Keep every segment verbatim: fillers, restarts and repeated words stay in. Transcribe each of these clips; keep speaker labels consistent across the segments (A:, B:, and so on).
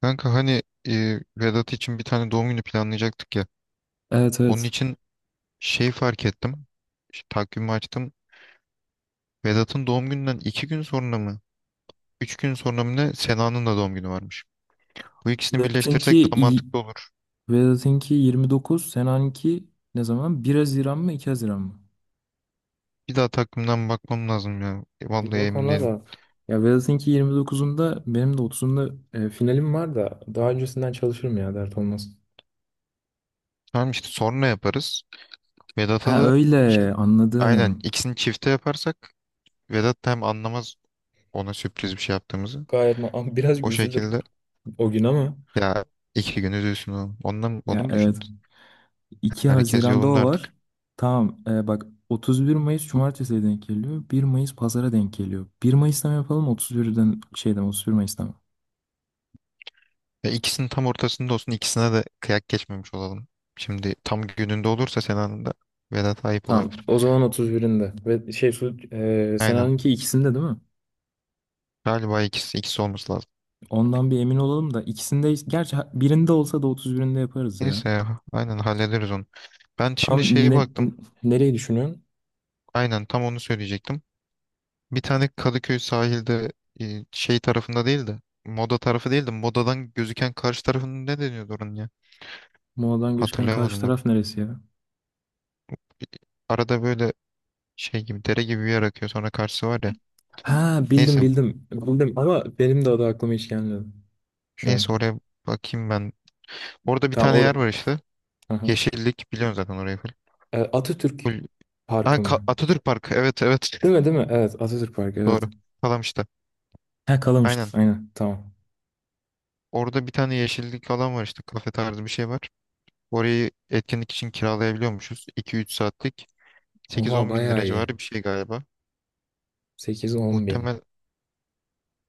A: Kanka hani e, Vedat için bir tane doğum günü planlayacaktık ya.
B: Evet
A: Onun
B: evet.
A: için şey fark ettim. Ş- Takvimi açtım. Vedat'ın doğum gününden iki gün sonra mı? Üç gün sonra mı ne? Sena'nın da doğum günü varmış. Bu ikisini
B: Vedat'ınki
A: birleştirsek daha
B: y-
A: mantıklı olur.
B: Vedat'ınki yirmi dokuz. Senan'ınki ne zaman? Bir Haziran mı iki Haziran mı?
A: Bir daha takvimden bakmam lazım ya. E,
B: Bir
A: Vallahi
B: bak
A: emin
B: ona
A: değilim.
B: da. Ya Vedat'ınki yirmi dokuzunda, benim de otuzunda e, finalim var da daha öncesinden çalışırım ya dert olmaz.
A: Tamam işte sonra yaparız. Vedat'a
B: Ha
A: da çi-
B: öyle
A: aynen
B: anladım.
A: ikisini çifte yaparsak Vedat da hem anlamaz ona sürpriz bir şey yaptığımızı.
B: Gayet ma- ama biraz
A: O
B: üzülür
A: şekilde
B: o gün ama.
A: ya, iki gün üzülsün o. Ondan, onu
B: Ya
A: mu
B: evet.
A: düşündün?
B: iki
A: Herkes
B: Haziran'da
A: yolunda
B: o var.
A: artık.
B: Tamam, e, bak otuz bir Mayıs Cumartesi'ye denk geliyor. Bir Mayıs Pazar'a denk geliyor. Bir Mayıs'tan yapalım otuz bir'den şeyden otuz bir Mayıs'tan.
A: Ya, ikisinin tam ortasında olsun. İkisine de kıyak geçmemiş olalım. Şimdi tam gününde olursa Sena'nın da Vedat ayıp
B: Tamam.
A: olabilir.
B: O zaman otuz birinde. Ve şey su, e,
A: Aynen.
B: Sena'nınki ikisinde değil mi?
A: Galiba ikisi, ikisi olması lazım.
B: Ondan bir emin olalım da ikisinde gerçi ha- birinde olsa da otuz birinde yaparız ya.
A: Neyse ya, aynen hallederiz onu. Ben şimdi
B: Tam
A: şeye
B: ne,
A: baktım.
B: n- nereyi düşünüyorsun?
A: Aynen, tam onu söyleyecektim. Bir tane Kadıköy sahilde, e, şey tarafında değil de, Moda tarafı değil de Moda'dan gözüken karşı tarafının ne deniyordu oranın ya?
B: Moladan gözüken karşı
A: Hatırlayamadım. Bak.
B: taraf neresi ya?
A: Arada böyle şey gibi, dere gibi bir yer akıyor, sonra karşısı var ya.
B: Ha, bildim
A: Neyse
B: bildim. Bildim ama benim de adı aklıma hiç gelmedi. Şu
A: neyse
B: an.
A: oraya bakayım ben. Orada bir
B: Tamam
A: tane
B: or
A: yer var işte.
B: Hı hı.
A: Yeşillik, biliyorsun zaten orayı. Full.
B: E, Atatürk
A: Full- Ha,
B: Parkı
A: Ka-
B: mı?
A: Atatürk Parkı. Evet, evet.
B: Değil mi değil mi? Evet, Atatürk Parkı, evet.
A: Doğru. Kalamış'ta.
B: Ha, Kalamış'tı.
A: Aynen.
B: Aynen, tamam.
A: Orada bir tane yeşillik alan var işte. Kafe tarzı bir şey var. Orayı etkinlik için kiralayabiliyormuşuz. iki üç saatlik. sekiz
B: Oha,
A: on bin
B: bayağı
A: lira
B: iyi.
A: civarı bir şey galiba.
B: sekiz on bin.
A: Muhtemel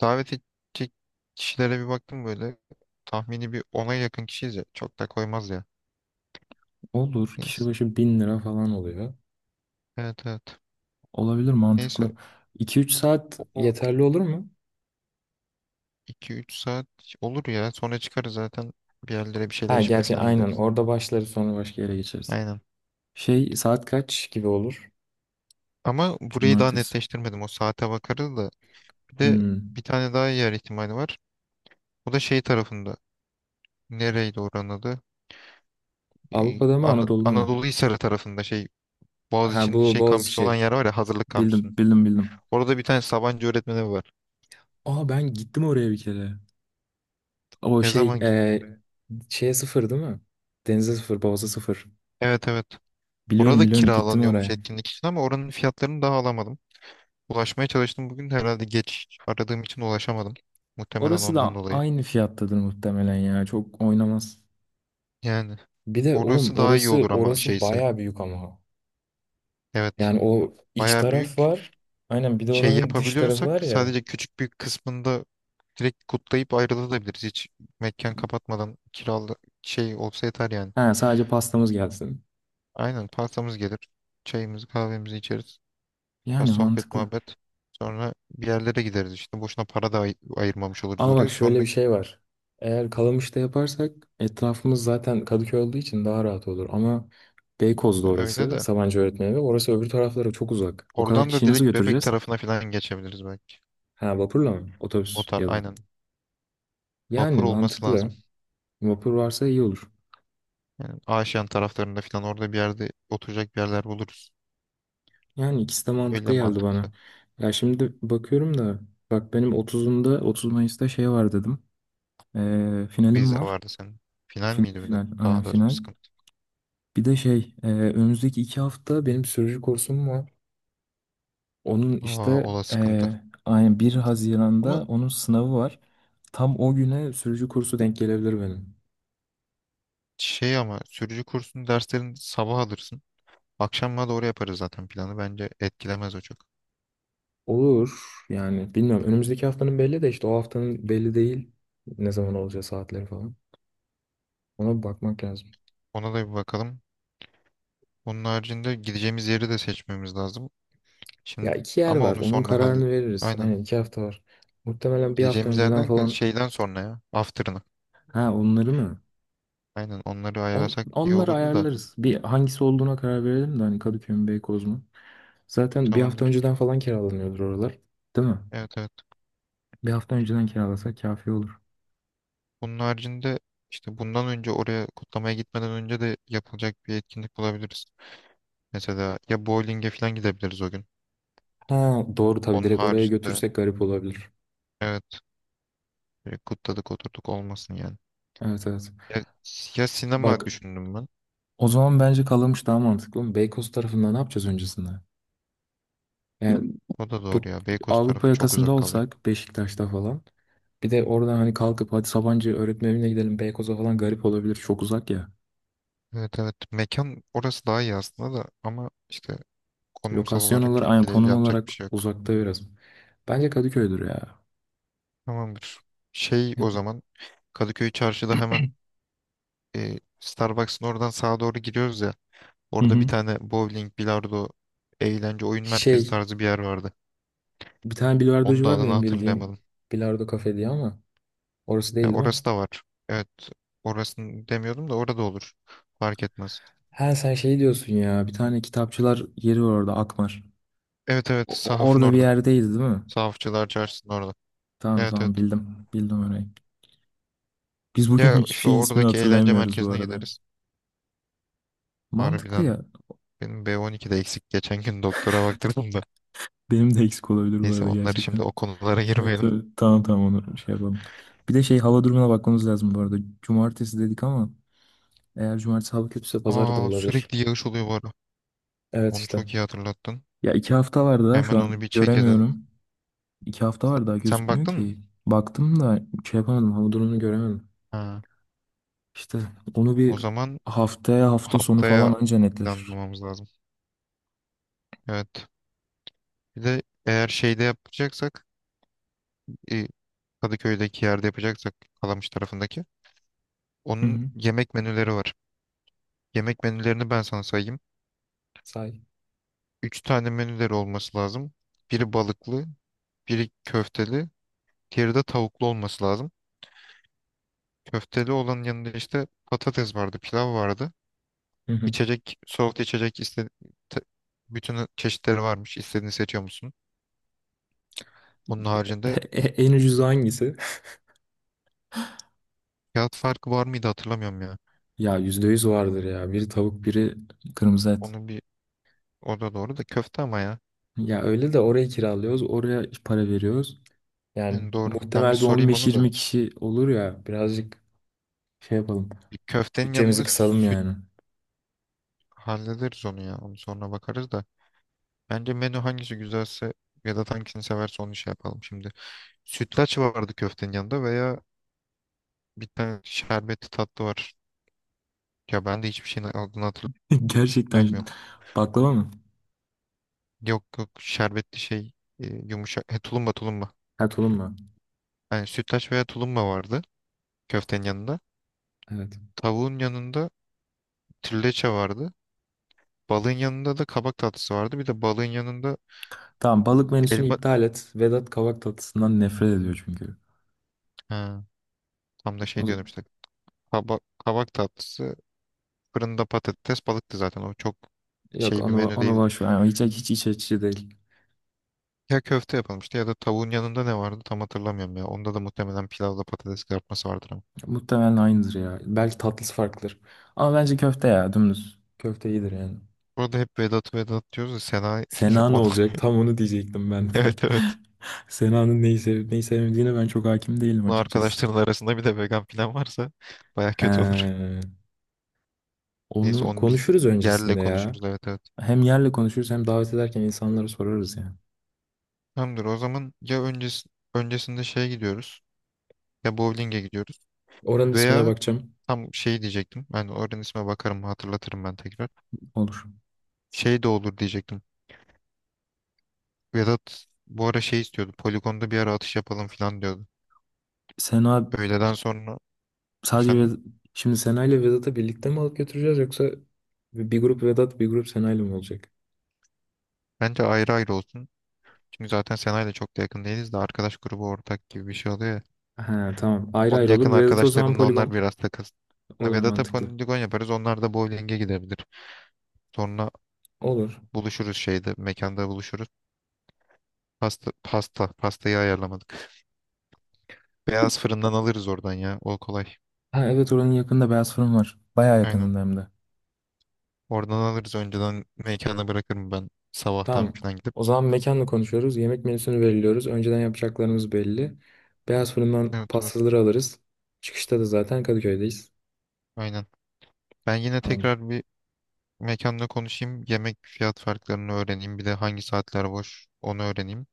A: davet edecek kişilere bir baktım böyle. Tahmini bir ona yakın kişiyiz ya. Çok da koymaz ya.
B: Olur. Kişi
A: Neyse.
B: başı bin lira falan oluyor.
A: Evet, evet.
B: Olabilir, mantıklı.
A: Neyse.
B: İki üç saat
A: O
B: yeterli olur mu?
A: iki üç saat olur ya. Sonra çıkarız zaten. Bir yerlere bir şeyler
B: Ha,
A: içmeye
B: gerçi
A: falan
B: aynen
A: gideriz.
B: orada başlarız sonra başka yere geçeriz.
A: Aynen.
B: Şey, saat kaç gibi olur?
A: Ama burayı daha
B: Cumartesi.
A: netleştirmedim. O saate bakarız da. Bir de
B: Hmm.
A: bir tane daha yer ihtimali var. O da şey tarafında. Nereydi oranın adı? Ee,
B: Avrupa'da mı
A: Ana-
B: Anadolu'da mı?
A: Anadolu Hisarı tarafında şey,
B: Ha,
A: Boğaziçi'nin
B: bu
A: şey kampüsü olan
B: Boğaziçi.
A: yer var ya, hazırlık kampüsünün.
B: Bildim bildim bildim.
A: Orada bir tane Sabancı öğretmeni var.
B: Aa, ben gittim oraya bir kere. O
A: Ne
B: şey
A: zaman gittim
B: e,
A: oraya?
B: şeye sıfır değil mi? Denize sıfır, Boğaz'a sıfır.
A: Evet, evet.
B: Biliyorum
A: Orada
B: biliyorum, gittim
A: kiralanıyormuş
B: oraya.
A: etkinlik için, ama oranın fiyatlarını daha alamadım. Ulaşmaya çalıştım bugün de, herhalde geç aradığım için ulaşamadım. Muhtemelen
B: Orası
A: ondan
B: da
A: dolayı.
B: aynı fiyattadır muhtemelen ya. Çok oynamaz.
A: Yani
B: Bir de oğlum,
A: orası daha iyi
B: orası
A: olur ama
B: orası
A: şeyse.
B: bayağı büyük ama.
A: Evet.
B: Yani o iç
A: Baya
B: taraf
A: büyük.
B: var. Aynen, bir de
A: Şey
B: oranın dış tarafı
A: yapabiliyorsak
B: var ya.
A: sadece küçük bir kısmında direkt kutlayıp ayrılabiliriz. Hiç mekan kapatmadan, kiralı şey olsa yeter yani.
B: Ha, sadece pastamız gelsin.
A: Aynen, pastamız gelir. Çayımızı kahvemizi içeriz. Biraz
B: Yani
A: sohbet
B: mantıklı.
A: muhabbet. Sonra bir yerlere gideriz işte. Boşuna para da ay- ayırmamış oluruz
B: Ama bak,
A: oraya.
B: şöyle
A: Sonra
B: bir şey var. Eğer Kalamış'ta yaparsak etrafımız zaten Kadıköy olduğu için daha rahat olur. Ama Beykoz'da
A: öyle
B: orası
A: de.
B: Sabancı Öğretmen Evi. Orası öbür taraflara çok uzak. O kadar
A: Oradan da
B: kişiyi nasıl
A: direkt Bebek
B: götüreceğiz?
A: tarafına falan geçebiliriz belki.
B: Ha, vapurla mı?
A: O
B: Otobüs
A: tar
B: ya da.
A: aynen. Vapur
B: Yani
A: olması
B: mantıklı.
A: lazım.
B: Vapur varsa iyi olur.
A: Yani Aşiyan taraflarında falan, orada bir yerde oturacak bir yerler buluruz.
B: Yani ikisi de
A: Öyle
B: mantıklı geldi bana.
A: mantıklı.
B: Ya şimdi bakıyorum da bak, benim otuzunda, otuz Mayıs'ta şey var dedim. Ee, finalim
A: Vize
B: var.
A: vardı senin. Final
B: Final,
A: miydi bir de?
B: final. Aynen,
A: Daha da
B: final.
A: sıkıntı.
B: Bir de şey e, önümüzdeki iki hafta benim sürücü kursum var. Onun
A: Aa,
B: işte,
A: o da
B: e,
A: sıkıntı.
B: aynen bir
A: Ama
B: Haziran'da onun sınavı var. Tam o güne sürücü kursu denk gelebilir benim.
A: şey ama sürücü kursunun derslerini sabah alırsın. Akşama doğru yaparız zaten planı. Bence etkilemez o çok.
B: Olur yani, bilmiyorum. Önümüzdeki haftanın belli de işte o haftanın belli değil. Ne zaman olacağı, saatleri falan. Ona bir bakmak lazım.
A: Ona da bir bakalım. Onun haricinde gideceğimiz yeri de seçmemiz lazım.
B: Ya
A: Şimdi
B: iki yer
A: ama
B: var.
A: onu
B: Onun
A: sonra hallet.
B: kararını veririz.
A: Aynen.
B: Aynen, iki hafta var. Muhtemelen bir hafta
A: Gideceğimiz
B: önceden
A: yerden ka-
B: falan.
A: şeyden sonra ya. After'ına.
B: Ha, onları mı?
A: Aynen, onları
B: On,
A: ayarlasak iyi
B: onları
A: olurdu da.
B: ayarlarız. Bir hangisi olduğuna karar verelim de hani Kadıköy mü Beykoz mu? Zaten bir hafta
A: Tamamdır.
B: önceden falan kiralanıyordur oralar. Değil mi?
A: Evet, evet.
B: Bir hafta önceden kiralasak kafi olur.
A: Bunun haricinde, işte bundan önce oraya kutlamaya gitmeden önce de yapılacak bir etkinlik bulabiliriz. Mesela ya bowling'e falan gidebiliriz o gün.
B: Ha, doğru tabii,
A: Onun
B: direkt oraya
A: haricinde,
B: götürsek garip olabilir.
A: evet, böyle kutladık oturduk olmasın yani.
B: Evet evet.
A: Ya, ya sinema
B: Bak,
A: düşündüm ben.
B: o zaman bence Kalamış daha mantıklı. Oğlum, Beykoz tarafında ne yapacağız öncesinde? Yani
A: O da doğru
B: Bu
A: ya. Beykoz
B: Avrupa
A: tarafı çok
B: yakasında
A: uzak kalıyor.
B: olsak Beşiktaş'ta falan. Bir de oradan hani kalkıp hadi Sabancı öğretmen evine gidelim Beykoz'a falan, garip olabilir. Çok uzak ya.
A: Evet, evet, mekan orası daha iyi aslında da, ama işte konumsal
B: Lokasyon
A: olarak
B: olarak,
A: çok
B: aynı
A: iyi değil,
B: konum
A: yapacak
B: olarak
A: bir şey yok.
B: uzakta biraz. Bence Kadıköy'dür ya.
A: Tamamdır. Şey, o zaman Kadıköy Çarşı'da hemen, e, Starbucks'ın oradan sağa doğru giriyoruz ya.
B: Hı
A: Orada bir
B: hı.
A: tane bowling, bilardo, eğlence, oyun merkezi
B: Şey,
A: tarzı bir yer vardı.
B: bir tane
A: Onun
B: bilardocu
A: da
B: var
A: adını
B: benim bildiğim.
A: hatırlayamadım.
B: Bilardo Kafe diye ama orası değil,
A: Ya,
B: değil mi?
A: orası da var. Evet. Orasını demiyordum da, orada olur. Fark etmez.
B: Ha, sen şey diyorsun ya, bir tane kitapçılar yeri var orada, Akmar.
A: Evet, evet.
B: O- o-
A: Sahafın
B: orada bir
A: orada.
B: yerdeydi değil mi?
A: Sahafçılar Çarşısı'nın orada.
B: Tamam
A: Evet, evet.
B: tamam bildim. Bildim orayı. Biz bugün
A: Ya
B: hiçbir
A: işte
B: şeyin ismini
A: oradaki eğlence
B: hatırlayamıyoruz bu
A: merkezine
B: arada.
A: gideriz.
B: Mantıklı
A: Harbiden
B: ya.
A: benim B on iki'de eksik. Geçen gün doktora baktırdım da.
B: Benim de eksik olabilir bu
A: Neyse,
B: arada
A: onları şimdi,
B: gerçekten.
A: o konulara
B: Evet,
A: girmeyelim.
B: evet. Tamam tamam, onu şey yapalım. Bir de şey, hava durumuna bakmamız lazım bu arada. Cumartesi dedik ama eğer cumartesi hava kötüyse pazar da
A: Aa,
B: olabilir.
A: sürekli yağış oluyor bu ara.
B: Evet,
A: Onu
B: işte.
A: çok iyi hatırlattın.
B: Ya iki hafta var daha, şu
A: Hemen onu
B: an
A: bir check edelim.
B: göremiyorum. İki hafta var daha,
A: Sen
B: gözükmüyor
A: baktın mı?
B: ki. Baktım da şey yapamadım, hava durumunu göremedim.
A: Ha.
B: İşte onu bir
A: O zaman
B: haftaya, hafta sonu falan
A: haftaya
B: anca netleşir.
A: planlamamız lazım. Evet. Bir de eğer şeyde yapacaksak, e, Kadıköy'deki yerde yapacaksak, Kalamış tarafındaki.
B: Hı
A: Onun
B: hı.
A: yemek menüleri var. Yemek menülerini ben sana sayayım.
B: Say.
A: Üç tane menüleri olması lazım. Biri balıklı, biri köfteli, diğeri de tavuklu olması lazım. Köfteli olanın yanında işte patates vardı, pilav vardı.
B: Hı hı.
A: İçecek, soğuk içecek iste te- bütün çeşitleri varmış. İstediğini seçiyor musun? Onun haricinde,
B: E- En ucuzu hangisi?
A: fiyat farkı var mıydı hatırlamıyorum ya.
B: Ya yüzde yüz vardır ya. Biri tavuk, biri kırmızı et.
A: Onun bir o da doğru da, köfte ama ya.
B: Ya öyle de orayı kiralıyoruz. Oraya para veriyoruz. Yani
A: Yani doğru. Ben bir
B: muhtemel bir
A: sorayım onu da.
B: on beş yirmi kişi olur ya. Birazcık şey yapalım.
A: Bir köftenin
B: Bütçemizi
A: yanında
B: kısalım
A: süt.
B: yani.
A: Hallederiz onu ya. Onu sonra bakarız da. Bence menü hangisi güzelse, ya da hangisini severse, onu şey yapalım şimdi. Sütlaç vardı köftenin yanında, veya bir tane şerbetli tatlı var. Ya ben de hiçbir şeyin adını
B: Gerçekten,
A: hatırlamıyorum.
B: baklava mı?
A: Yok, yok, şerbetli şey, e, yumuşak. He, tulumba, tulumba.
B: Ha, tulum mu?
A: Yani sütlaç veya tulumba vardı köftenin yanında.
B: Evet.
A: Tavuğun yanında trileçe vardı. Balığın yanında da kabak tatlısı vardı. Bir de balığın yanında
B: Tamam, balık menüsünü
A: elma...
B: iptal et. Vedat kavak tatlısından nefret ediyor çünkü.
A: Ha, tam da şey
B: O-
A: diyordum işte. Kabak, kabak tatlısı. Fırında patates balıktı zaten. O çok
B: Yok,
A: şey bir
B: onu
A: menü
B: onu
A: değildi.
B: boş ver. Yani hiç hiç iç açıcı değil.
A: Ya köfte yapılmıştı, ya da tavuğun yanında ne vardı tam hatırlamıyorum ya. Onda da muhtemelen pilavla patates kızartması vardır ama.
B: Muhtemelen aynıdır ya. Belki tatlısı farklıdır. Ama bence köfte ya, dümdüz. Köfte iyidir yani.
A: Burada hep Vedat'ı Vedat diyoruz da, Sena
B: Sena ne
A: onu.
B: olacak? Tam onu diyecektim ben.
A: Evet, evet.
B: Sena'nın neyi sevip neyi sevmediğine ben çok hakim değilim
A: Bunu
B: açıkçası.
A: arkadaşların arasında bir de vegan falan varsa baya
B: He,
A: kötü olur. Neyse,
B: onu
A: onu biz
B: konuşuruz
A: yerle
B: öncesinde ya.
A: konuşuruz, evet, evet.
B: Hem yerle konuşuruz hem davet ederken insanlara sorarız yani.
A: Tamamdır o zaman. Ya öncesi, öncesinde şeye gidiyoruz, ya bowling'e gidiyoruz,
B: Oranın ismine
A: veya
B: bakacağım.
A: tam şey diyecektim. Ben oranın isme bakarım, hatırlatırım ben tekrar.
B: Olur.
A: Şey de olur diyecektim. Vedat bu ara şey istiyordu. Poligonda bir ara atış yapalım falan diyordu.
B: Sena
A: Öğleden sonra,
B: sadece
A: efendim.
B: Ved- şimdi Sena ile Vedat'ı birlikte mi alıp götüreceğiz yoksa bir grup Vedat bir grup Sena ile mi olacak?
A: Bence ayrı ayrı olsun. Çünkü zaten Sena'yla çok da yakın değiliz de, arkadaş grubu ortak gibi bir şey oluyor ya.
B: Ha, tamam. Ayrı
A: Onun
B: ayrı
A: yakın
B: olur. Vedat o zaman
A: arkadaşlarında, onlar
B: poligon.
A: biraz takılsın. Hani
B: Olur,
A: Vedat'a
B: mantıklı.
A: poligon yaparız. Onlar da bowling'e gidebilir. Sonra
B: Olur.
A: buluşuruz şeyde. Mekanda buluşuruz. Pasta, pasta. Pastayı ayarlamadık. Beyaz fırından alırız oradan ya. O kolay.
B: Ha evet, oranın yakında beyaz fırın var. Bayağı
A: Aynen.
B: yakınında hem de.
A: Oradan alırız. Önceden mekana bırakırım ben. Sabahtan
B: Tamam.
A: falan gidip.
B: O zaman mekanla konuşuyoruz. Yemek menüsünü belirliyoruz. Önceden yapacaklarımız belli. Beyaz fırından
A: Evet, evet.
B: pastaları alırız. Çıkışta da zaten Kadıköy'deyiz.
A: Aynen. Ben yine
B: Tamamdır.
A: tekrar bir mekanla konuşayım, yemek fiyat farklarını öğreneyim, bir de hangi saatler boş onu öğreneyim.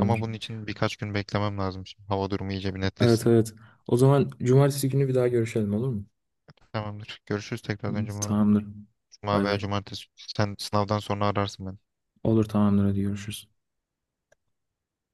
A: Ama bunun için birkaç gün beklemem lazım şimdi. Hava durumu iyice bir
B: Evet
A: netleşsin.
B: evet. O zaman cumartesi günü bir daha görüşelim, olur mu?
A: Tamamdır. Görüşürüz tekrar, önce cuma,
B: Tamamdır.
A: cuma
B: Bay
A: veya
B: bay.
A: cumartesi. Sen sınavdan sonra ararsın beni.
B: Olur tamamdır, hadi görüşürüz.